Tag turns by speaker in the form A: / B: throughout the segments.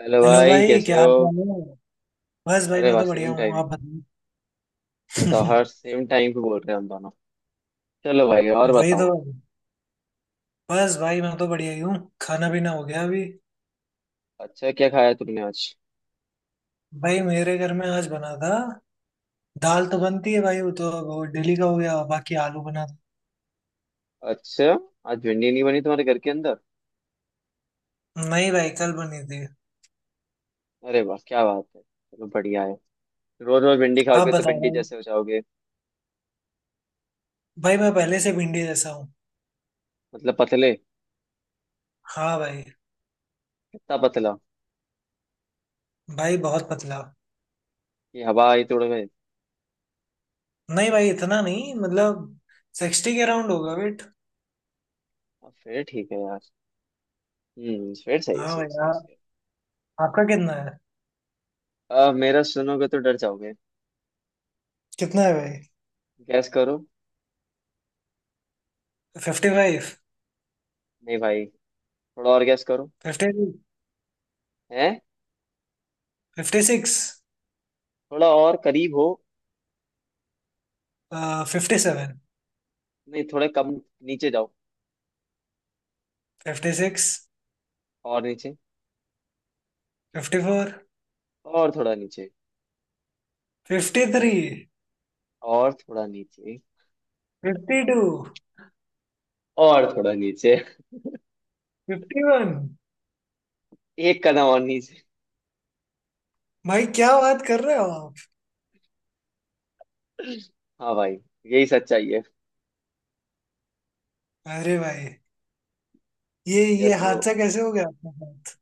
A: Hello
B: hello
A: भाई
B: भाई,
A: कैसे
B: क्या
A: हो।
B: हाल चाल है। बस भाई,
A: अरे
B: मैं
A: वाह
B: तो बढ़िया
A: सेम
B: हूँ।
A: टाइमिंग।
B: आप
A: बताओ
B: बताइए।
A: हर सेम टाइम पे बोल रहे हैं हम दोनों। चलो भाई और
B: वही तो।
A: बताओ।
B: बस भाई मैं तो बढ़िया ही हूँ। खाना पीना हो गया अभी।
A: अच्छा क्या खाया तुमने आज।
B: भाई मेरे घर में आज बना था। दाल तो बनती है भाई, वो तो वो डेली का हो गया, बाकी आलू बना था।
A: अच्छा आज भिंडी नहीं बनी तुम्हारे घर के अंदर।
B: नहीं भाई, कल बनी थी।
A: अरे वाह क्या बात है, चलो बढ़िया है। रोज रोज भिंडी
B: आप
A: खाओगे तो
B: बताओ
A: भिंडी
B: भाई।
A: जैसे हो जाओगे।
B: भाई मैं पहले से भिंडी जैसा हूँ।
A: मतलब पतले।
B: हाँ भाई।
A: कितना पतला।
B: भाई बहुत पतला।
A: कि हवा आई तोड़ में।
B: नहीं भाई, इतना नहीं मतलब। 60 के अराउंड होगा वेट।
A: अब फिर ठीक है यार। फिर सही है
B: हाँ
A: सही
B: भाई,
A: है, सही है,
B: आप,
A: सही
B: आपका कितना है?
A: है। अब मेरा सुनोगे तो डर जाओगे।
B: कितना है भाई?
A: गैस करो।
B: 55।
A: नहीं भाई, थोड़ा और गैस करो।
B: 50।
A: हैं।
B: 56।
A: थोड़ा और करीब हो।
B: 57।
A: नहीं थोड़े कम, नीचे जाओ।
B: 56।
A: और नीचे।
B: 54।
A: और थोड़ा नीचे।
B: 53।
A: और थोड़ा नीचे।
B: 52।
A: और थोड़ा नीचे।
B: 51।
A: एक कदम और नीचे।
B: भाई क्या बात कर रहे हो आप?
A: हाँ भाई, यही सच्चाई है।
B: अरे भाई, ये
A: यस ब्रो।
B: हादसा कैसे हो गया आपके साथ?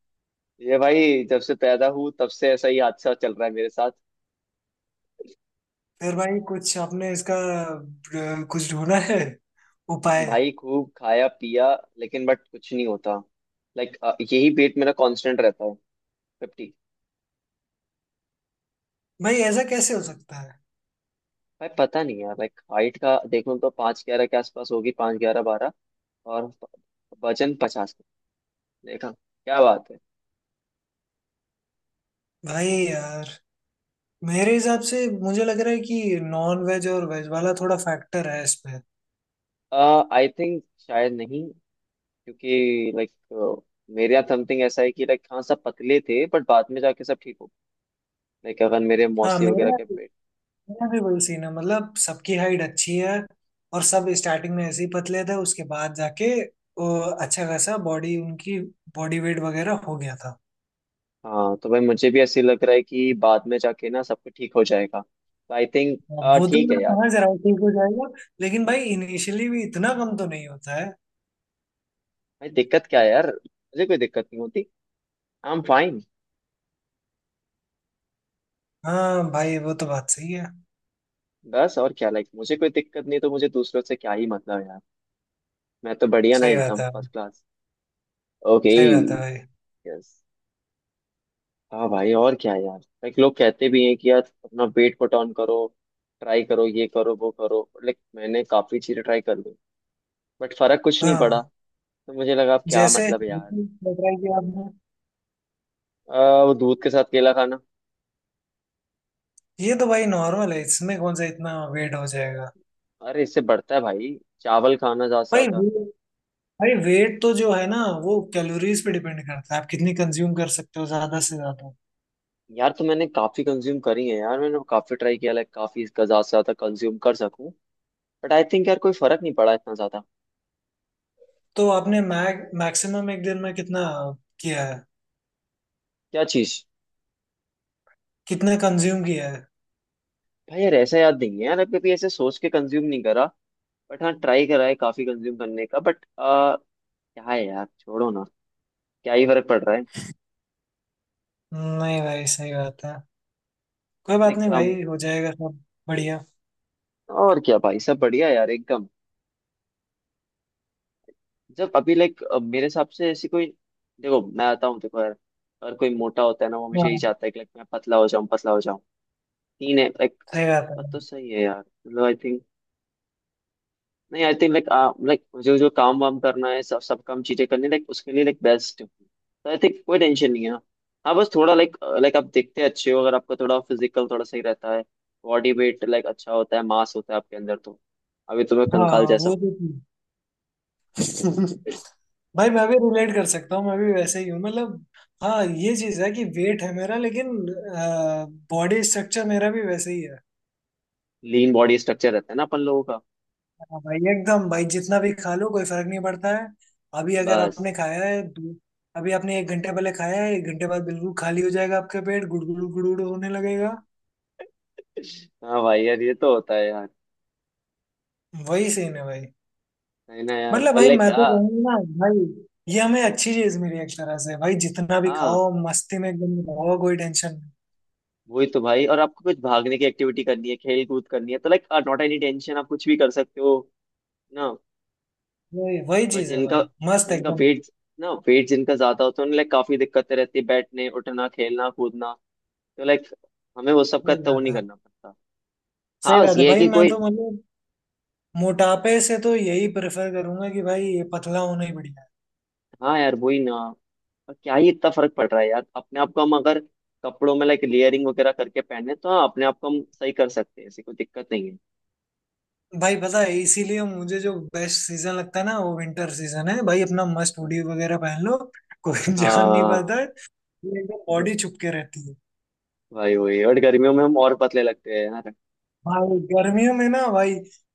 A: ये भाई जब से पैदा हूँ तब से ऐसा ही हादसा चल रहा है मेरे साथ।
B: फिर भाई कुछ आपने इसका कुछ ढूंढा है उपाय?
A: भाई खूब खाया पिया, लेकिन बट कुछ नहीं होता। लाइक, यही वेट मेरा कांस्टेंट रहता है। 50।
B: भाई ऐसा कैसे हो सकता है?
A: भाई पता नहीं यार, लाइक हाइट का देखूं तो पाँच 11 के आसपास होगी, पाँच 11 12। और वजन 50। देखा क्या बात है।
B: भाई यार, मेरे हिसाब से मुझे लग रहा है कि नॉन वेज और वेज वाला थोड़ा फैक्टर है इसमें।
A: आई थिंक शायद नहीं। क्योंकि लाइक मेरे यहाँ समथिंग ऐसा है कि लाइक हाँ सब पतले थे बट बाद में जाके सब ठीक हो गए। लाइक अगर मेरे
B: हाँ,
A: मौसी
B: मेरे
A: वगैरह के पेट।
B: मेरा भी वही सीन है, मतलब सबकी हाइट अच्छी है। और सब स्टार्टिंग में ऐसे ही पतले थे, उसके बाद जाके वो अच्छा खासा बॉडी उनकी बॉडी वेट वगैरह हो गया था।
A: हाँ तो भाई मुझे भी ऐसे लग रहा है कि बाद में जाके ना सब कुछ ठीक हो जाएगा, तो आई थिंक
B: वो तो
A: ठीक है
B: मैं
A: यार।
B: समझ रहा हूँ ठीक हो जाएगा। लेकिन भाई इनिशियली भी इतना कम तो नहीं होता है।
A: भाई दिक्कत क्या है यार, मुझे कोई दिक्कत नहीं होती। I am fine.
B: हाँ भाई वो तो बात सही है।
A: बस और क्या लाइक, मुझे कोई दिक्कत नहीं तो मुझे दूसरों से क्या ही मतलब है यार। मैं तो बढ़िया ना,
B: सही बात
A: एकदम
B: है।
A: First class. ओके।
B: सही बात है भाई।
A: यस। हाँ भाई और क्या है यार, लाइक लोग कहते भी हैं कि यार अपना वेट को टर्न करो, ट्राई करो ये करो वो करो, लाइक मैंने काफी चीजें ट्राई कर ली बट फर्क कुछ नहीं पड़ा।
B: हाँ।
A: तो मुझे लगा अब क्या
B: जैसे
A: मतलब है यार।
B: बताया कि आपने,
A: वो दूध के साथ केला खाना।
B: ये तो भाई नॉर्मल है, इसमें कौन सा इतना वेट हो जाएगा।
A: अरे इससे बढ़ता है भाई। चावल खाना ज्यादा से
B: भाई
A: ज्यादा।
B: भाई वेट तो जो है ना, वो कैलोरीज पे डिपेंड करता है, आप कितनी कंज्यूम कर सकते हो ज्यादा से ज्यादा।
A: यार तो मैंने काफी कंज्यूम करी है यार, मैंने काफी ट्राई किया लाइक, काफी इसका ज्यादा से ज्यादा कंज्यूम कर सकूं बट आई थिंक यार कोई फर्क नहीं पड़ा इतना ज्यादा।
B: तो आपने मैग मैक्सिमम एक दिन में कितना किया है?
A: क्या चीज।
B: कितना कंज्यूम किया है?
A: भाई यार ऐसा याद नहीं है यार, अब कभी ऐसे सोच के कंज्यूम नहीं करा बट हाँ, ट्राई करा है काफी कंज्यूम करने का बट क्या है यार, छोड़ो ना, क्या ही फर्क पड़ रहा है।
B: नहीं भाई, सही बात है। कोई बात
A: लाइक
B: नहीं भाई, हो जाएगा सब। बढ़िया।
A: और क्या भाई सब बढ़िया यार, एकदम। जब अभी लाइक मेरे हिसाब से ऐसी कोई, देखो मैं आता हूँ देखो यार, अगर कोई मोटा होता है ना वो हमेशा यही
B: हाँ।
A: चाहता है कि लाइक मैं पतला हो जाऊं पतला हो जाऊं। तीन है लाइक।
B: सही बात
A: बात तो
B: है।
A: सही है यार, मतलब आई थिंक, नहीं आई थिंक लाइक, लाइक जो जो काम वाम करना है, सब सब काम चीजें करनी, लाइक उसके लिए लाइक बेस्ट तो आई थिंक कोई टेंशन नहीं है। हाँ बस थोड़ा लाइक, लाइक आप दिखते अच्छे हो अगर आपका थोड़ा फिजिकल थोड़ा सही रहता है, बॉडी वेट लाइक अच्छा होता है, मास होता है आपके अंदर तो। अभी तो मैं
B: हाँ
A: कंकाल जैसा
B: वो
A: हूँ।
B: तो थी। भाई मैं भी रिलेट कर सकता हूँ, मैं भी वैसे ही हूँ मतलब। हाँ ये चीज है कि वेट है मेरा, लेकिन बॉडी स्ट्रक्चर मेरा भी वैसे ही है।
A: लीन बॉडी स्ट्रक्चर रहता है ना अपन लोगों का।
B: हाँ भाई एकदम, भाई जितना भी खा लो कोई फर्क नहीं पड़ता है। अभी अगर आपने
A: बस।
B: खाया है अभी आपने 1 घंटे पहले खाया है, 1 घंटे बाद बिल्कुल खाली हो जाएगा आपका पेट, गुड़गुड़ गुड़गुड़ होने लगेगा।
A: हाँ भाई यार ये तो होता है यार।
B: वही सीन है भाई।
A: है ना यार,
B: मतलब
A: और
B: भाई
A: लाइक
B: मैं तो कहूंगा ना भाई, ये हमें अच्छी चीज मिली है एक तरह से, भाई जितना भी
A: हाँ
B: खाओ मस्ती में एकदम रहो, कोई टेंशन
A: वही तो भाई, और आपको कुछ भागने की एक्टिविटी करनी है, खेल कूद करनी है, तो लाइक नॉट एनी टेंशन, आप कुछ भी कर सकते हो ना।
B: नहीं। वही वही
A: बट
B: चीज है
A: जिनका
B: भाई, मस्त
A: जिनका
B: एकदम।
A: वेट, ना वेट जिनका ज्यादा होता है उन्हें लाइक काफी दिक्कतें रहती है, बैठने उठना खेलना कूदना। तो लाइक हमें वो सब का
B: सही
A: इतना वो
B: बात
A: नहीं
B: है।
A: करना पड़ता।
B: सही
A: हाँ बस
B: बात है
A: ये है
B: भाई,
A: कि
B: मैं तो
A: कोई।
B: मतलब मोटापे से तो यही प्रेफर करूंगा कि भाई ये पतला होना ही बढ़िया है।
A: हाँ यार, वही ना। और क्या ही इतना फर्क पड़ रहा है यार, अपने आप को हम अगर कपड़ों में लाइक लेयरिंग वगैरह करके पहने तो हाँ, अपने आप को हम सही कर सकते हैं, ऐसी कोई दिक्कत नहीं है।
B: भाई पता है, इसीलिए मुझे जो बेस्ट सीजन लगता है ना, वो विंटर सीजन है भाई, अपना मस्त हुडी वगैरह पहन लो, कोई जान नहीं
A: हाँ
B: पाता है। ये एकदम बॉडी छुपके रहती है।
A: भाई वही, और गर्मियों में हम और पतले लगते हैं यार।
B: भाई गर्मियों में ना भाई,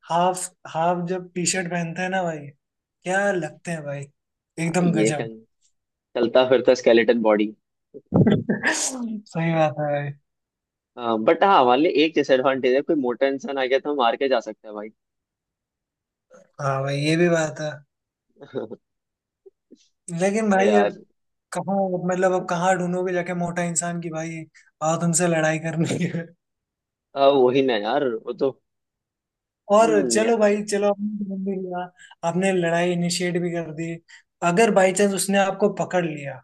B: हाफ, हाफ जब टी शर्ट पहनते हैं ना भाई, क्या लगते हैं भाई!
A: हाँ,
B: एकदम गजब।
A: चलता फिरता स्केलेटन बॉडी।
B: सही बात है भाई।
A: हाँ बट हाँ, हमारे लिए एक डिसएडवांटेज है, कोई मोटा इंसान आ गया तो हम मार के जा सकते हैं भाई।
B: हाँ भाई, ये भी बात है। लेकिन
A: हाँ
B: भाई अब
A: यार,
B: कहाँ मतलब अब कहाँ ढूंढोगे जाके मोटा इंसान की, भाई आओ तुमसे लड़ाई करनी है।
A: हाँ वही ना यार, वो तो।
B: और
A: हम्म, या-
B: चलो
A: या-
B: भाई, चलो आपने ढूंढ भी लिया, आपने लड़ाई इनिशिएट भी कर दी, अगर बाई चांस उसने आपको पकड़ लिया,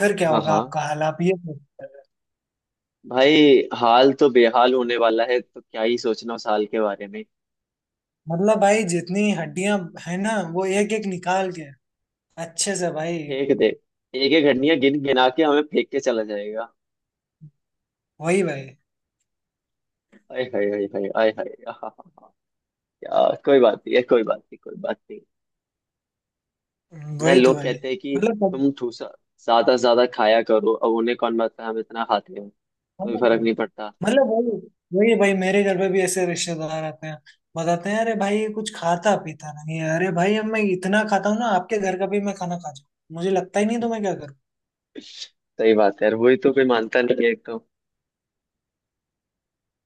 B: फिर क्या
A: हाँ
B: होगा
A: हाँ।
B: आपका हाल, आप ये सोचते हैं।
A: भाई हाल तो बेहाल होने वाला है, तो क्या ही सोचना उस हाल के बारे में।
B: मतलब भाई जितनी हड्डियां है ना, वो एक एक निकाल के अच्छे से भाई।
A: फेंक दे। एक एक घड़िया गिन गिना के हमें फेंक के चला जाएगा।
B: वही भाई।
A: आय हाय हाय हाय आय हाय, हाँ हाँ हाँ। यार कोई बात नहीं है, कोई बात नहीं, कोई बात नहीं। ना
B: वही तो
A: लोग
B: भाई
A: कहते हैं कि
B: मतलब
A: तुम ठूसा, ज्यादा से ज्यादा खाया करो, अब उन्हें कौन बताता है हम इतना खाते हैं। कोई फर्क
B: मतलब
A: नहीं पड़ता।
B: मतलब वही वही भाई, मेरे घर पे भी ऐसे रिश्तेदार आते हैं, बताते हैं अरे भाई ये कुछ खाता पीता नहीं है, अरे भाई अब मैं इतना खाता हूँ ना, आपके घर का भी मैं खाना खा जाऊँ मुझे लगता ही नहीं, तो मैं क्या
A: सही बात है यार, वही तो, कोई मानता नहीं है एकदम।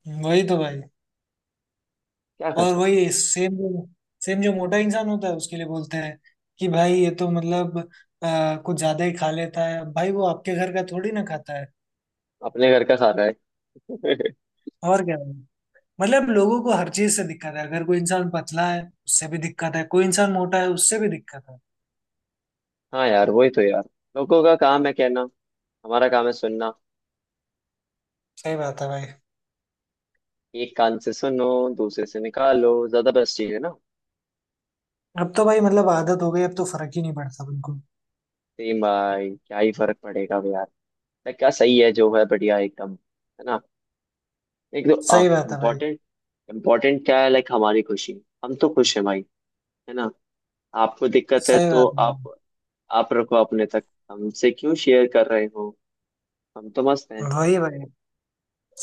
B: करूँ। वही तो भाई।
A: क्या कर
B: और
A: सकते
B: वही सेम जो मोटा इंसान होता है उसके लिए बोलते हैं कि भाई ये तो मतलब कुछ ज्यादा ही खा लेता है, भाई वो आपके घर का थोड़ी ना खाता है।
A: हैं, अपने घर का खाना है।
B: और क्या है? मतलब लोगों को हर चीज से दिक्कत है, अगर कोई इंसान पतला है उससे भी दिक्कत है, कोई इंसान मोटा है उससे भी दिक्कत है।
A: हाँ यार वही तो यार, लोगों का काम है कहना, हमारा काम है सुनना।
B: सही बात है भाई।
A: एक कान से सुनो, दूसरे से निकालो, ज्यादा बेस्ट चीज है ना।
B: अब तो भाई मतलब आदत हो गई, अब तो फर्क ही नहीं पड़ता बिल्कुल।
A: सेम भाई, क्या ही फर्क पड़ेगा अब यार। लाइक, क्या सही है जो है, बढ़िया एकदम है ना। एक
B: सही
A: तो
B: बात है भाई।
A: इम्पोर्टेंट, इम्पोर्टेंट क्या है लाइक, हमारी खुशी, हम तो खुश है भाई। है ना। आपको दिक्कत है
B: सही
A: तो
B: बात है
A: आप रखो अपने तक, हमसे क्यों शेयर कर रहे हो। हम तो मस्त हैं।
B: भाई। वही भाई।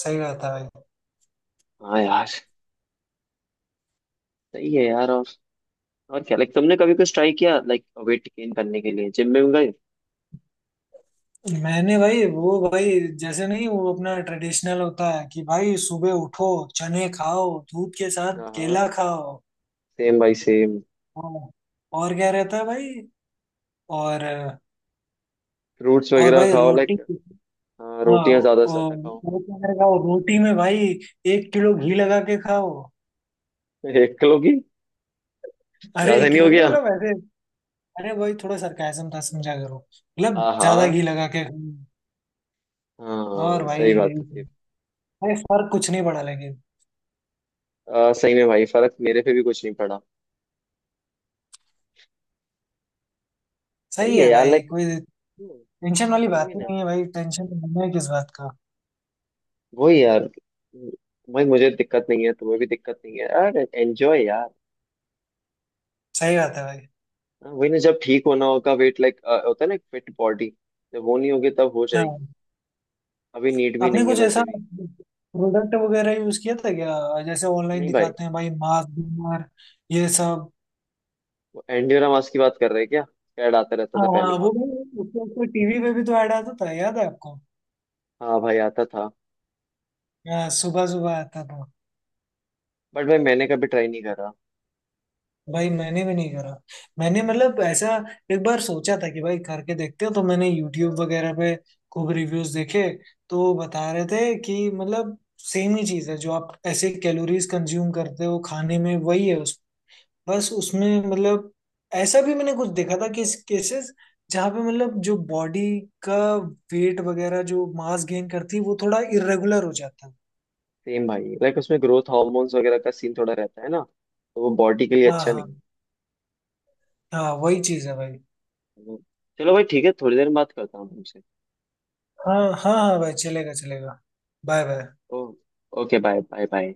B: सही बात है भाई।
A: हाँ यार। सही है यार। और क्या लाइक, तुमने कभी कुछ ट्राई किया लाइक वेट गेन करने के लिए, जिम में गए।
B: मैंने भाई वो भाई जैसे नहीं वो अपना ट्रेडिशनल होता है कि भाई सुबह उठो चने खाओ दूध के साथ
A: हाँ हाँ,
B: केला खाओ
A: सेम भाई सेम।
B: हाँ, और क्या रहता है भाई और
A: फ्रूट्स
B: और
A: वगैरह
B: भाई
A: खाओ
B: रोटी
A: लाइक। हाँ,
B: हाँ
A: रोटियां ज्यादा से ज्यादा खाओ।
B: वो क्या करके खाओ रोटी में भाई 1 किलो घी लगा के खाओ
A: 1 किलो की।
B: अरे
A: ज्यादा
B: एक
A: नहीं हो
B: किलो नहीं
A: गया।
B: मतलब ऐसे अरे भाई थोड़ा सरकाजम था समझा करो मतलब
A: हाँ
B: ज्यादा
A: हाँ
B: घी लगा के खाओ और
A: हाँ, सही
B: भाई
A: बात है सही।
B: भाई फर्क कुछ नहीं पड़ा लेकिन
A: सही में भाई फर्क मेरे पे भी कुछ नहीं पड़ा। सही
B: सही
A: है
B: है
A: यार
B: भाई
A: लाइक।
B: कोई टेंशन वाली बात
A: वही
B: ही
A: ना,
B: नहीं है भाई टेंशन लेना है किस बात का
A: वही यार। भाई मुझे दिक्कत नहीं है, तुम्हें भी दिक्कत नहीं है, यार एंजॉय यार।
B: सही बात है भाई
A: हाँ, वही ना, जब ठीक होना होगा वेट लाइक, होता है ना फिट बॉडी, जब वो नहीं होगी तब हो
B: हाँ।
A: जाएगी। अभी नीड भी
B: आपने
A: नहीं है
B: कुछ ऐसा
A: वैसे भी।
B: प्रोडक्ट वगैरह यूज किया था क्या, जैसे ऑनलाइन
A: नहीं भाई।
B: दिखाते हैं भाई, मास्क बीमार ये सब?
A: वो एंडियोरा मास की बात कर रहे हैं क्या। कैड आता रहता
B: हाँ
A: था पहले
B: हाँ, वो
A: बहुत।
B: भाई, उसको टीवी पे भी तो ऐड आता था, याद है आपको?
A: हाँ भाई, आता था।
B: हाँ सुबह सुबह आता था।
A: बट भाई मैंने कभी ट्राई नहीं करा।
B: भाई मैंने भी नहीं करा। मैंने मतलब ऐसा एक बार सोचा था कि भाई करके देखते हैं, तो मैंने यूट्यूब वगैरह पे खूब रिव्यूज देखे। तो बता रहे थे कि मतलब सेम ही चीज है जो आप ऐसे कैलोरीज कंज्यूम करते हो खाने में वही है उस, बस उसमें मतलब ऐसा भी मैंने कुछ देखा था कि केसेस जहाँ पे मतलब जो बॉडी का वेट वगैरह, जो मास गेन करती है, वो थोड़ा इरेगुलर हो जाता है।
A: सेम भाई, लाइक उसमें ग्रोथ हार्मोन्स वगैरह का सीन थोड़ा रहता है ना, तो वो बॉडी के लिए
B: हाँ
A: अच्छा नहीं
B: हाँ।
A: है।
B: हाँ वही चीज है भाई।
A: तो- चलो भाई ठीक है, थोड़ी देर में बात करता हूँ तुमसे।
B: हाँ हाँ हाँ भाई, चलेगा चलेगा। Bye bye.
A: Oh okay, bye bye bye.